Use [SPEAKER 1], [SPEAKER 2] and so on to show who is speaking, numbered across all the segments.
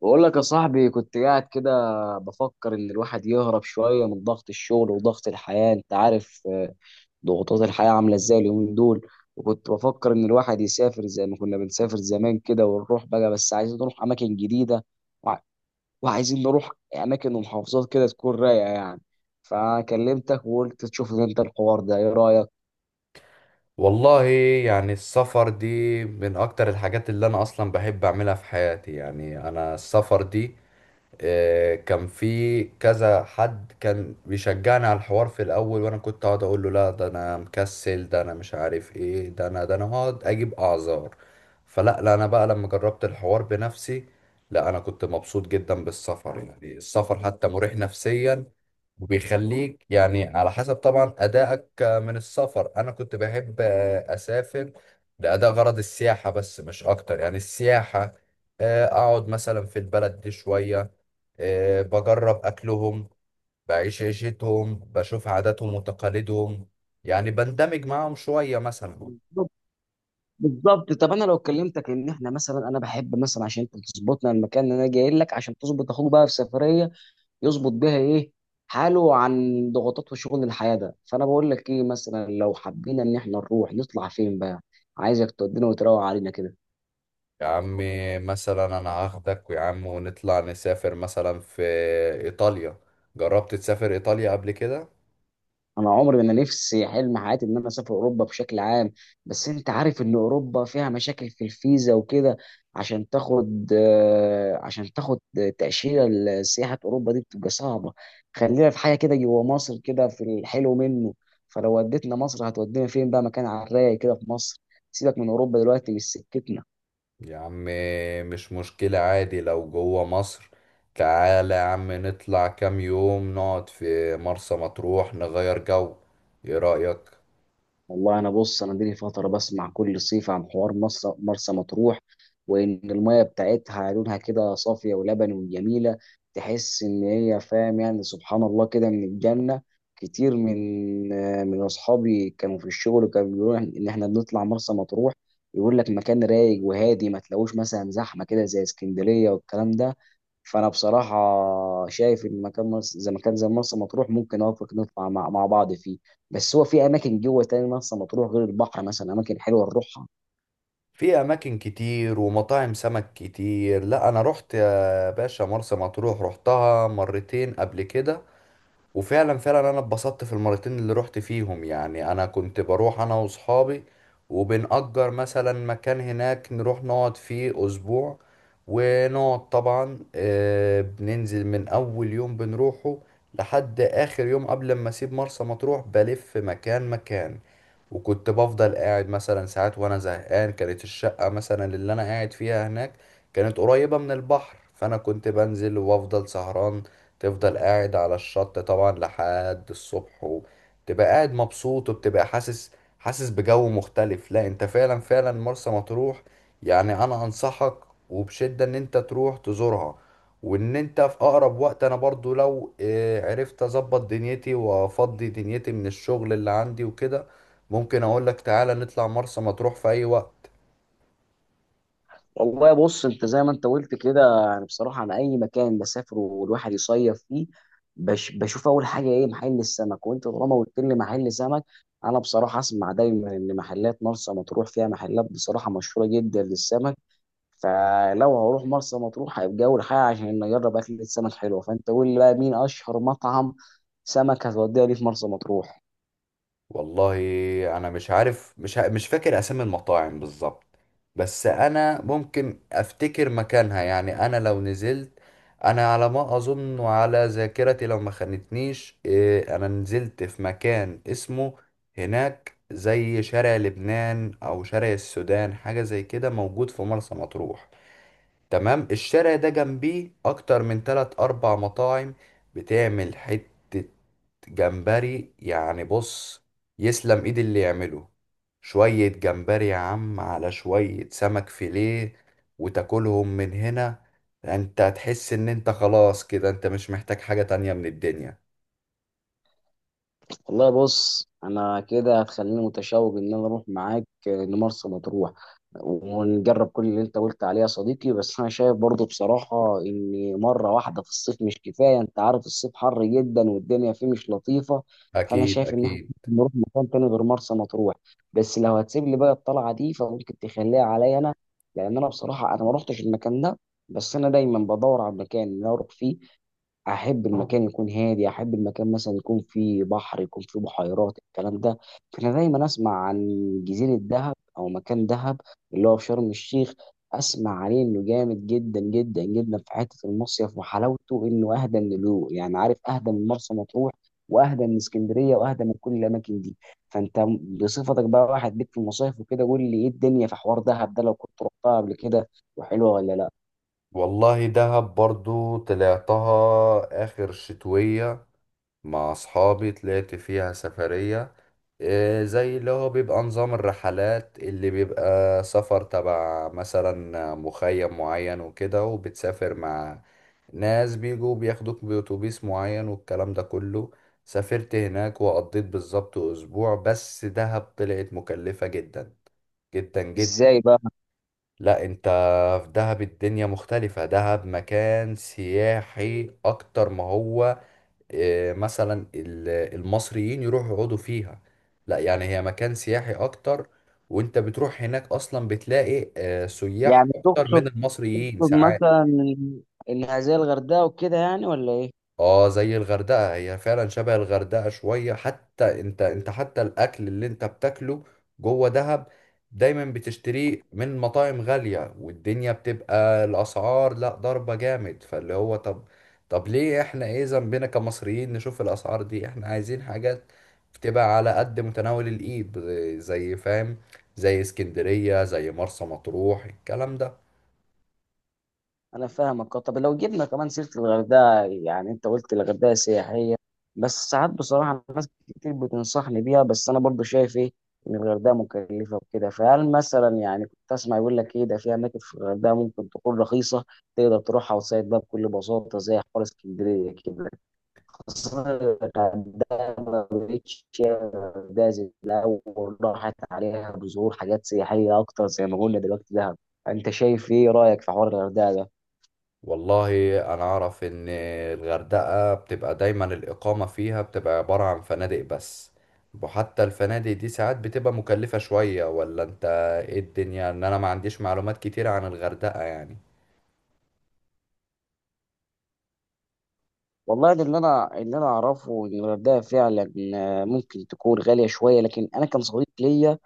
[SPEAKER 1] بقول لك يا صاحبي، كنت قاعد كده بفكر ان الواحد يهرب شويه من ضغط الشغل وضغط الحياه. انت عارف ضغوطات الحياه عامله ازاي اليومين دول؟ وكنت بفكر ان الواحد يسافر زي ما كنا بنسافر زمان كده ونروح بقى، بس عايزين نروح اماكن جديده. وع- وعايزين نروح اماكن ومحافظات كده تكون رايقه يعني. فكلمتك وقلت تشوف انت الحوار ده ايه رايك؟
[SPEAKER 2] والله يعني السفر دي من اكتر الحاجات اللي انا اصلا بحب اعملها في حياتي. يعني انا السفر دي، كان في كذا حد كان بيشجعني على الحوار في الاول، وانا كنت اقعد اقول له لا، ده انا مكسل، ده انا مش عارف ايه، ده انا هقعد اجيب اعذار. فلا لا انا بقى لما جربت الحوار بنفسي، لا انا كنت مبسوط جدا بالسفر. يعني السفر حتى مريح نفسيا وبيخليك يعني على حسب طبعا أدائك من السفر. أنا كنت بحب أسافر لأداء غرض السياحة بس، مش أكتر. يعني السياحة، أقعد مثلا في البلد دي شوية، بجرب أكلهم، بعيش عيشتهم، بشوف عاداتهم وتقاليدهم، يعني بندمج معاهم شوية مثلا.
[SPEAKER 1] بالظبط. طب انا لو كلمتك ان احنا مثلا، انا بحب مثلا عشان انت تظبطنا، المكان اللي انا جاي لك عشان تظبط اخوك بقى في سفريه يظبط بيها ايه، حاله عن ضغوطات وشغل الحياة ده، فانا بقول لك ايه مثلا لو حبينا ان احنا نروح نطلع فين بقى. عايزك تودينا وتروق علينا كده.
[SPEAKER 2] يا عم مثلا أنا هاخدك يا عم ونطلع نسافر مثلا في إيطاليا. جربت تسافر إيطاليا قبل كده؟
[SPEAKER 1] انا عمري، انا نفسي، حلم حياتي ان انا اسافر اوروبا بشكل عام. بس انت عارف ان اوروبا فيها مشاكل في الفيزا وكده. عشان تاخد تأشيرة لسياحة اوروبا دي بتبقى صعبة. خلينا في حاجة كده جوا مصر، كده في الحلو منه. فلو وديتنا مصر هتودينا فين بقى، مكان على الرايق كده في مصر. سيبك من اوروبا دلوقتي مش سكتنا.
[SPEAKER 2] يا عم مش مشكلة، عادي لو جوه مصر. تعالى يا عم نطلع كام يوم نقعد في مرسى مطروح نغير جو. إيه رأيك؟
[SPEAKER 1] والله انا بص، انا دي فتره بسمع كل صيف عن حوار مرسى مطروح، وان الميه بتاعتها لونها كده صافيه ولبني وجميله. تحس ان هي فاهم يعني سبحان الله كده من الجنه. كتير من اصحابي كانوا في الشغل كانوا بيقولوا ان احنا بنطلع مرسى مطروح. يقول لك مكان رايق وهادي، ما تلاقوش مثلا زحمه كده زي اسكندريه والكلام ده. فانا بصراحه شايف ان مكان زي مكان زي مرسى مطروح ممكن اوافق نطلع مع بعض فيه. بس هو في اماكن جوه تاني مثلا، مطروح غير البحر مثلا اماكن حلوه نروحها.
[SPEAKER 2] في اماكن كتير ومطاعم سمك كتير. لا انا رحت يا باشا مرسى مطروح، رحتها مرتين قبل كده، وفعلا فعلا انا اتبسطت في المرتين اللي رحت فيهم. يعني انا كنت بروح انا واصحابي وبنأجر مثلا مكان هناك نروح نقعد فيه اسبوع، ونقعد طبعا، بننزل من اول يوم بنروحه لحد اخر يوم. قبل ما اسيب مرسى مطروح بلف مكان مكان، وكنت بفضل قاعد مثلا ساعات وانا زهقان. كانت الشقة مثلا اللي انا قاعد فيها هناك كانت قريبة من البحر، فانا كنت بنزل وافضل سهران. تفضل قاعد على الشط طبعا لحد الصبح، وتبقى قاعد مبسوط، وبتبقى حاسس، حاسس بجو مختلف. لا انت فعلا فعلا مرسى مطروح، يعني انا انصحك وبشدة ان انت تروح تزورها، وان انت في اقرب وقت. انا برضو لو عرفت اظبط دنيتي وافضي دنيتي من الشغل اللي عندي وكده، ممكن اقولك تعالى نطلع مرسى مطروح في اي وقت.
[SPEAKER 1] والله بص، انت زي ما انت قلت كده، يعني بصراحه انا اي مكان بسافره والواحد يصيف فيه بشوف اول حاجه ايه محل السمك. وانت طالما قلت لي محل سمك، انا بصراحه اسمع دايما ان محلات مرسى مطروح فيها محلات بصراحه مشهوره جدا للسمك. فلو هروح مرسى مطروح هيبقى اول حاجه عشان اجرب اكل السمك حلوه. فانت قول لي بقى مين اشهر مطعم سمك هتوديها لي في مرسى مطروح؟
[SPEAKER 2] والله انا مش عارف، مش فاكر اسامي المطاعم بالظبط، بس انا ممكن افتكر مكانها. يعني انا لو نزلت، انا على ما اظن وعلى ذاكرتي لو ما خانتنيش انا نزلت في مكان اسمه هناك زي شارع لبنان او شارع السودان، حاجة زي كده موجود في مرسى مطروح. تمام، الشارع ده جنبيه اكتر من 3 4 مطاعم بتعمل حتة جمبري. يعني بص، يسلم ايد اللي يعمله شوية جمبري يا عم على شوية سمك فيليه، وتاكلهم من هنا. انت هتحس ان انت خلاص كده انت مش محتاج حاجة تانية من الدنيا.
[SPEAKER 1] والله بص، انا كده هتخليني متشوق ان انا اروح معاك لمرسى مطروح، ونجرب كل اللي انت قلت عليه يا صديقي. بس انا شايف برضو بصراحة ان مرة واحدة في الصيف مش كفاية. انت عارف الصيف حر جدا والدنيا فيه مش لطيفة. فانا
[SPEAKER 2] اكيد
[SPEAKER 1] شايف ان احنا
[SPEAKER 2] اكيد.
[SPEAKER 1] ممكن نروح مكان تاني غير مرسى مطروح. بس لو هتسيب لي بقى الطلعة دي فممكن تخليها عليا انا، لان انا بصراحة انا ما روحتش المكان ده. بس انا دايما بدور على مكان إن أنا اروح فيه. احب المكان يكون هادي، احب المكان مثلا يكون فيه بحر، يكون فيه بحيرات، الكلام ده. فانا دايما اسمع عن جزيره دهب او مكان دهب، اللي هو في شرم الشيخ. اسمع عليه انه جامد جدا جدا جدا في حته المصيف وحلاوته، انه اهدى من يعني عارف اهدى من مرسى مطروح، واهدى من اسكندريه، واهدى من كل الاماكن دي. فانت بصفتك بقى واحد ليك في المصايف وكده، قول لي ايه الدنيا في حوار دهب ده لو كنت رحتها قبل كده، وحلوه ولا لا؟
[SPEAKER 2] والله دهب برضو طلعتها اخر شتوية مع اصحابي، طلعت فيها سفرية، زي اللي هو بيبقى نظام الرحلات اللي بيبقى سفر تبع مثلا مخيم معين وكده، وبتسافر مع ناس بيجوا بياخدوك بأتوبيس معين والكلام ده كله. سافرت هناك وقضيت بالظبط أسبوع، بس دهب طلعت مكلفة جدا جدا جدا.
[SPEAKER 1] ازاي بقى؟
[SPEAKER 2] لا انت، في دهب الدنيا مختلفة. دهب مكان سياحي أكتر ما هو، آه، مثلا ال- المصريين يروحوا يقعدوا فيها. لا يعني هي مكان سياحي اكتر، وانت بتروح هناك اصلا بتلاقي سياح
[SPEAKER 1] يعني
[SPEAKER 2] اكتر
[SPEAKER 1] تقصد،
[SPEAKER 2] من المصريين
[SPEAKER 1] تقصد
[SPEAKER 2] ساعات.
[SPEAKER 1] مثلا الهزيل الغردقه وكده يعني ولا ايه؟
[SPEAKER 2] اه زي الغردقة، هي فعلا شبه الغردقة شوية. حتى انت حتى الاكل اللي انت بتاكله جوه دهب دايما بتشتريه من مطاعم غالية، والدنيا بتبقى الاسعار لا ضربة جامد. فاللي هو طب، طب ليه احنا ايه ذنبنا كمصريين نشوف الاسعار دي؟ احنا عايزين حاجات بتبقى على قد متناول الايد، زي فاهم، زي اسكندرية، زي مرسى مطروح الكلام ده.
[SPEAKER 1] انا فاهمك. طب لو جبنا كمان سيره الغردقه، يعني انت قلت الغردقه سياحيه، بس ساعات بصراحه ناس كتير بتنصحني بيها. بس انا برضو شايف ايه، ان الغردقه مكلفه وكده. فهل مثلا، يعني كنت اسمع يقول لك ايه ده، في اماكن في الغردقه ممكن تكون رخيصه تقدر تروحها وتصيد بقى بكل بساطه زي حوار اسكندريه كده. بس أنا الغردقة ما بقتش الجايزة الأول، راحت عليها بظهور حاجات سياحية أكتر زي ما قلنا دلوقتي دهب. أنت شايف إيه رأيك في حوار الغردقة؟
[SPEAKER 2] والله انا اعرف ان الغردقة بتبقى دايما الاقامة فيها بتبقى عبارة عن فنادق بس، وحتى الفنادق دي ساعات بتبقى مكلفة شوية. ولا انت ايه الدنيا؟ ان انا ما عنديش معلومات كتير عن الغردقة يعني.
[SPEAKER 1] والله ده اللي انا اعرفه ان الغردقه فعلا ممكن تكون غاليه شويه. لكن انا كان صديق ليا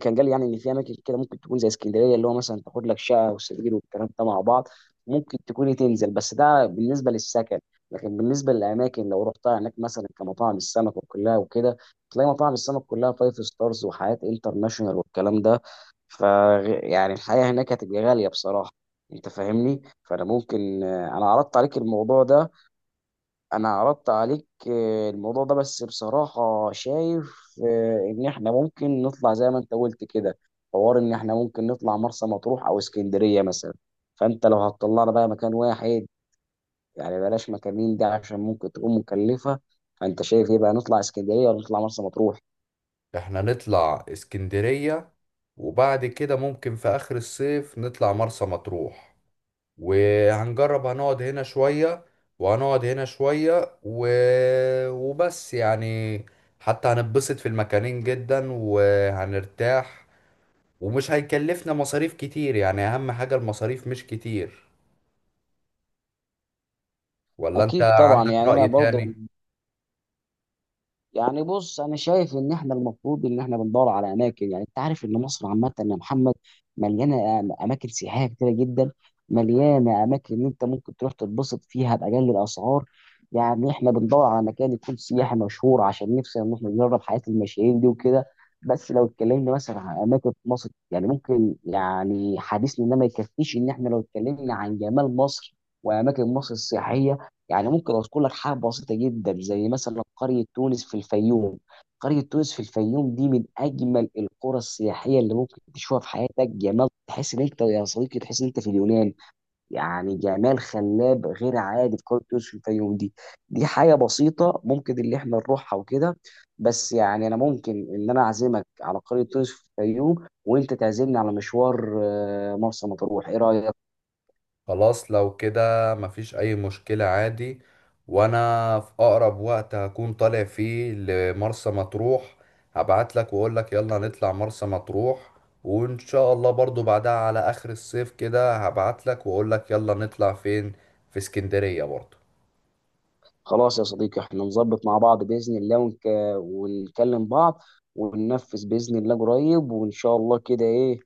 [SPEAKER 1] كان قال لي، يعني ان في اماكن كده ممكن تكون زي اسكندريه، اللي هو مثلا تاخد لك شقه وسرير والكلام ده مع بعض، ممكن تكون تنزل. بس ده بالنسبه للسكن. لكن بالنسبه للاماكن لو رحتها هناك مثلا كمطاعم السمك وكلها وكده، تلاقي مطاعم السمك كلها فايف ستارز وحياه انترناشونال والكلام ده. ف يعني الحياه هناك هتبقى غاليه بصراحه. انت فاهمني. فانا ممكن انا عرضت عليك الموضوع ده، انا عرضت عليك الموضوع ده، بس بصراحة شايف ان احنا ممكن نطلع زي ما انت قلت كده. حوار ان احنا ممكن نطلع مرسى مطروح او اسكندرية مثلا. فانت لو هتطلعنا بقى مكان واحد، يعني بلاش مكانين دي عشان ممكن تكون مكلفة. فانت شايف ايه بقى، نطلع اسكندرية ولا نطلع مرسى مطروح؟
[SPEAKER 2] احنا نطلع اسكندرية، وبعد كده ممكن في اخر الصيف نطلع مرسى مطروح، وهنجرب هنقعد هنا شوية، وهنقعد هنا شوية و... وبس يعني. حتى هنتبسط في المكانين جدا وهنرتاح، ومش هيكلفنا مصاريف كتير. يعني أهم حاجة المصاريف مش كتير. ولا أنت
[SPEAKER 1] اكيد طبعا
[SPEAKER 2] عندك
[SPEAKER 1] يعني انا
[SPEAKER 2] رأي
[SPEAKER 1] برضه.
[SPEAKER 2] تاني؟
[SPEAKER 1] يعني بص، انا شايف ان احنا المفروض ان احنا بندور على اماكن، يعني انت عارف ان مصر عامه يا محمد مليانه اماكن سياحيه كتيره جدا. مليانه اماكن ان انت ممكن تروح تتبسط فيها باقل الاسعار. يعني احنا بندور على مكان يكون سياحي مشهور عشان نفسنا ان احنا نجرب حياه المشاهير دي وكده. بس لو اتكلمنا مثلا عن اماكن في مصر، يعني ممكن يعني حديثنا ده ما يكفيش ان احنا لو اتكلمنا عن جمال مصر واماكن مصر السياحيه. يعني ممكن اذكر لك حاجه بسيطه جدا زي مثلا قريه تونس في الفيوم. قريه تونس في الفيوم دي من اجمل القرى السياحيه اللي ممكن تشوفها في حياتك. جمال تحس ان انت يا صديقي تحس ان انت في اليونان. يعني جمال خلاب غير عادي في قريه تونس في الفيوم دي. دي حاجه بسيطه ممكن اللي احنا نروحها وكده. بس يعني انا ممكن ان انا اعزمك على قريه تونس في الفيوم، وانت تعزمني على مشوار مرسى مطروح. ايه رايك؟
[SPEAKER 2] خلاص لو كده مفيش أي مشكلة، عادي. وأنا في أقرب وقت هكون طالع فيه لمرسى مطروح، هبعتلك وأقولك يلا نطلع مرسى مطروح. وإن شاء الله برضو بعدها على آخر الصيف كده هبعتلك وأقولك يلا نطلع فين، في اسكندرية برضو.
[SPEAKER 1] خلاص يا صديقي، احنا نظبط مع بعض بإذن الله، ونكلم بعض، وننفذ بإذن الله قريب وإن شاء الله. كده إيه،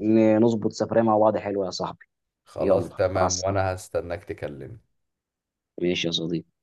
[SPEAKER 1] نظبط سفرية مع بعض حلوة يا صاحبي.
[SPEAKER 2] خلاص
[SPEAKER 1] يلا مع
[SPEAKER 2] تمام،
[SPEAKER 1] السلامة.
[SPEAKER 2] وأنا هستناك تكلمني.
[SPEAKER 1] ماشي يا صديقي.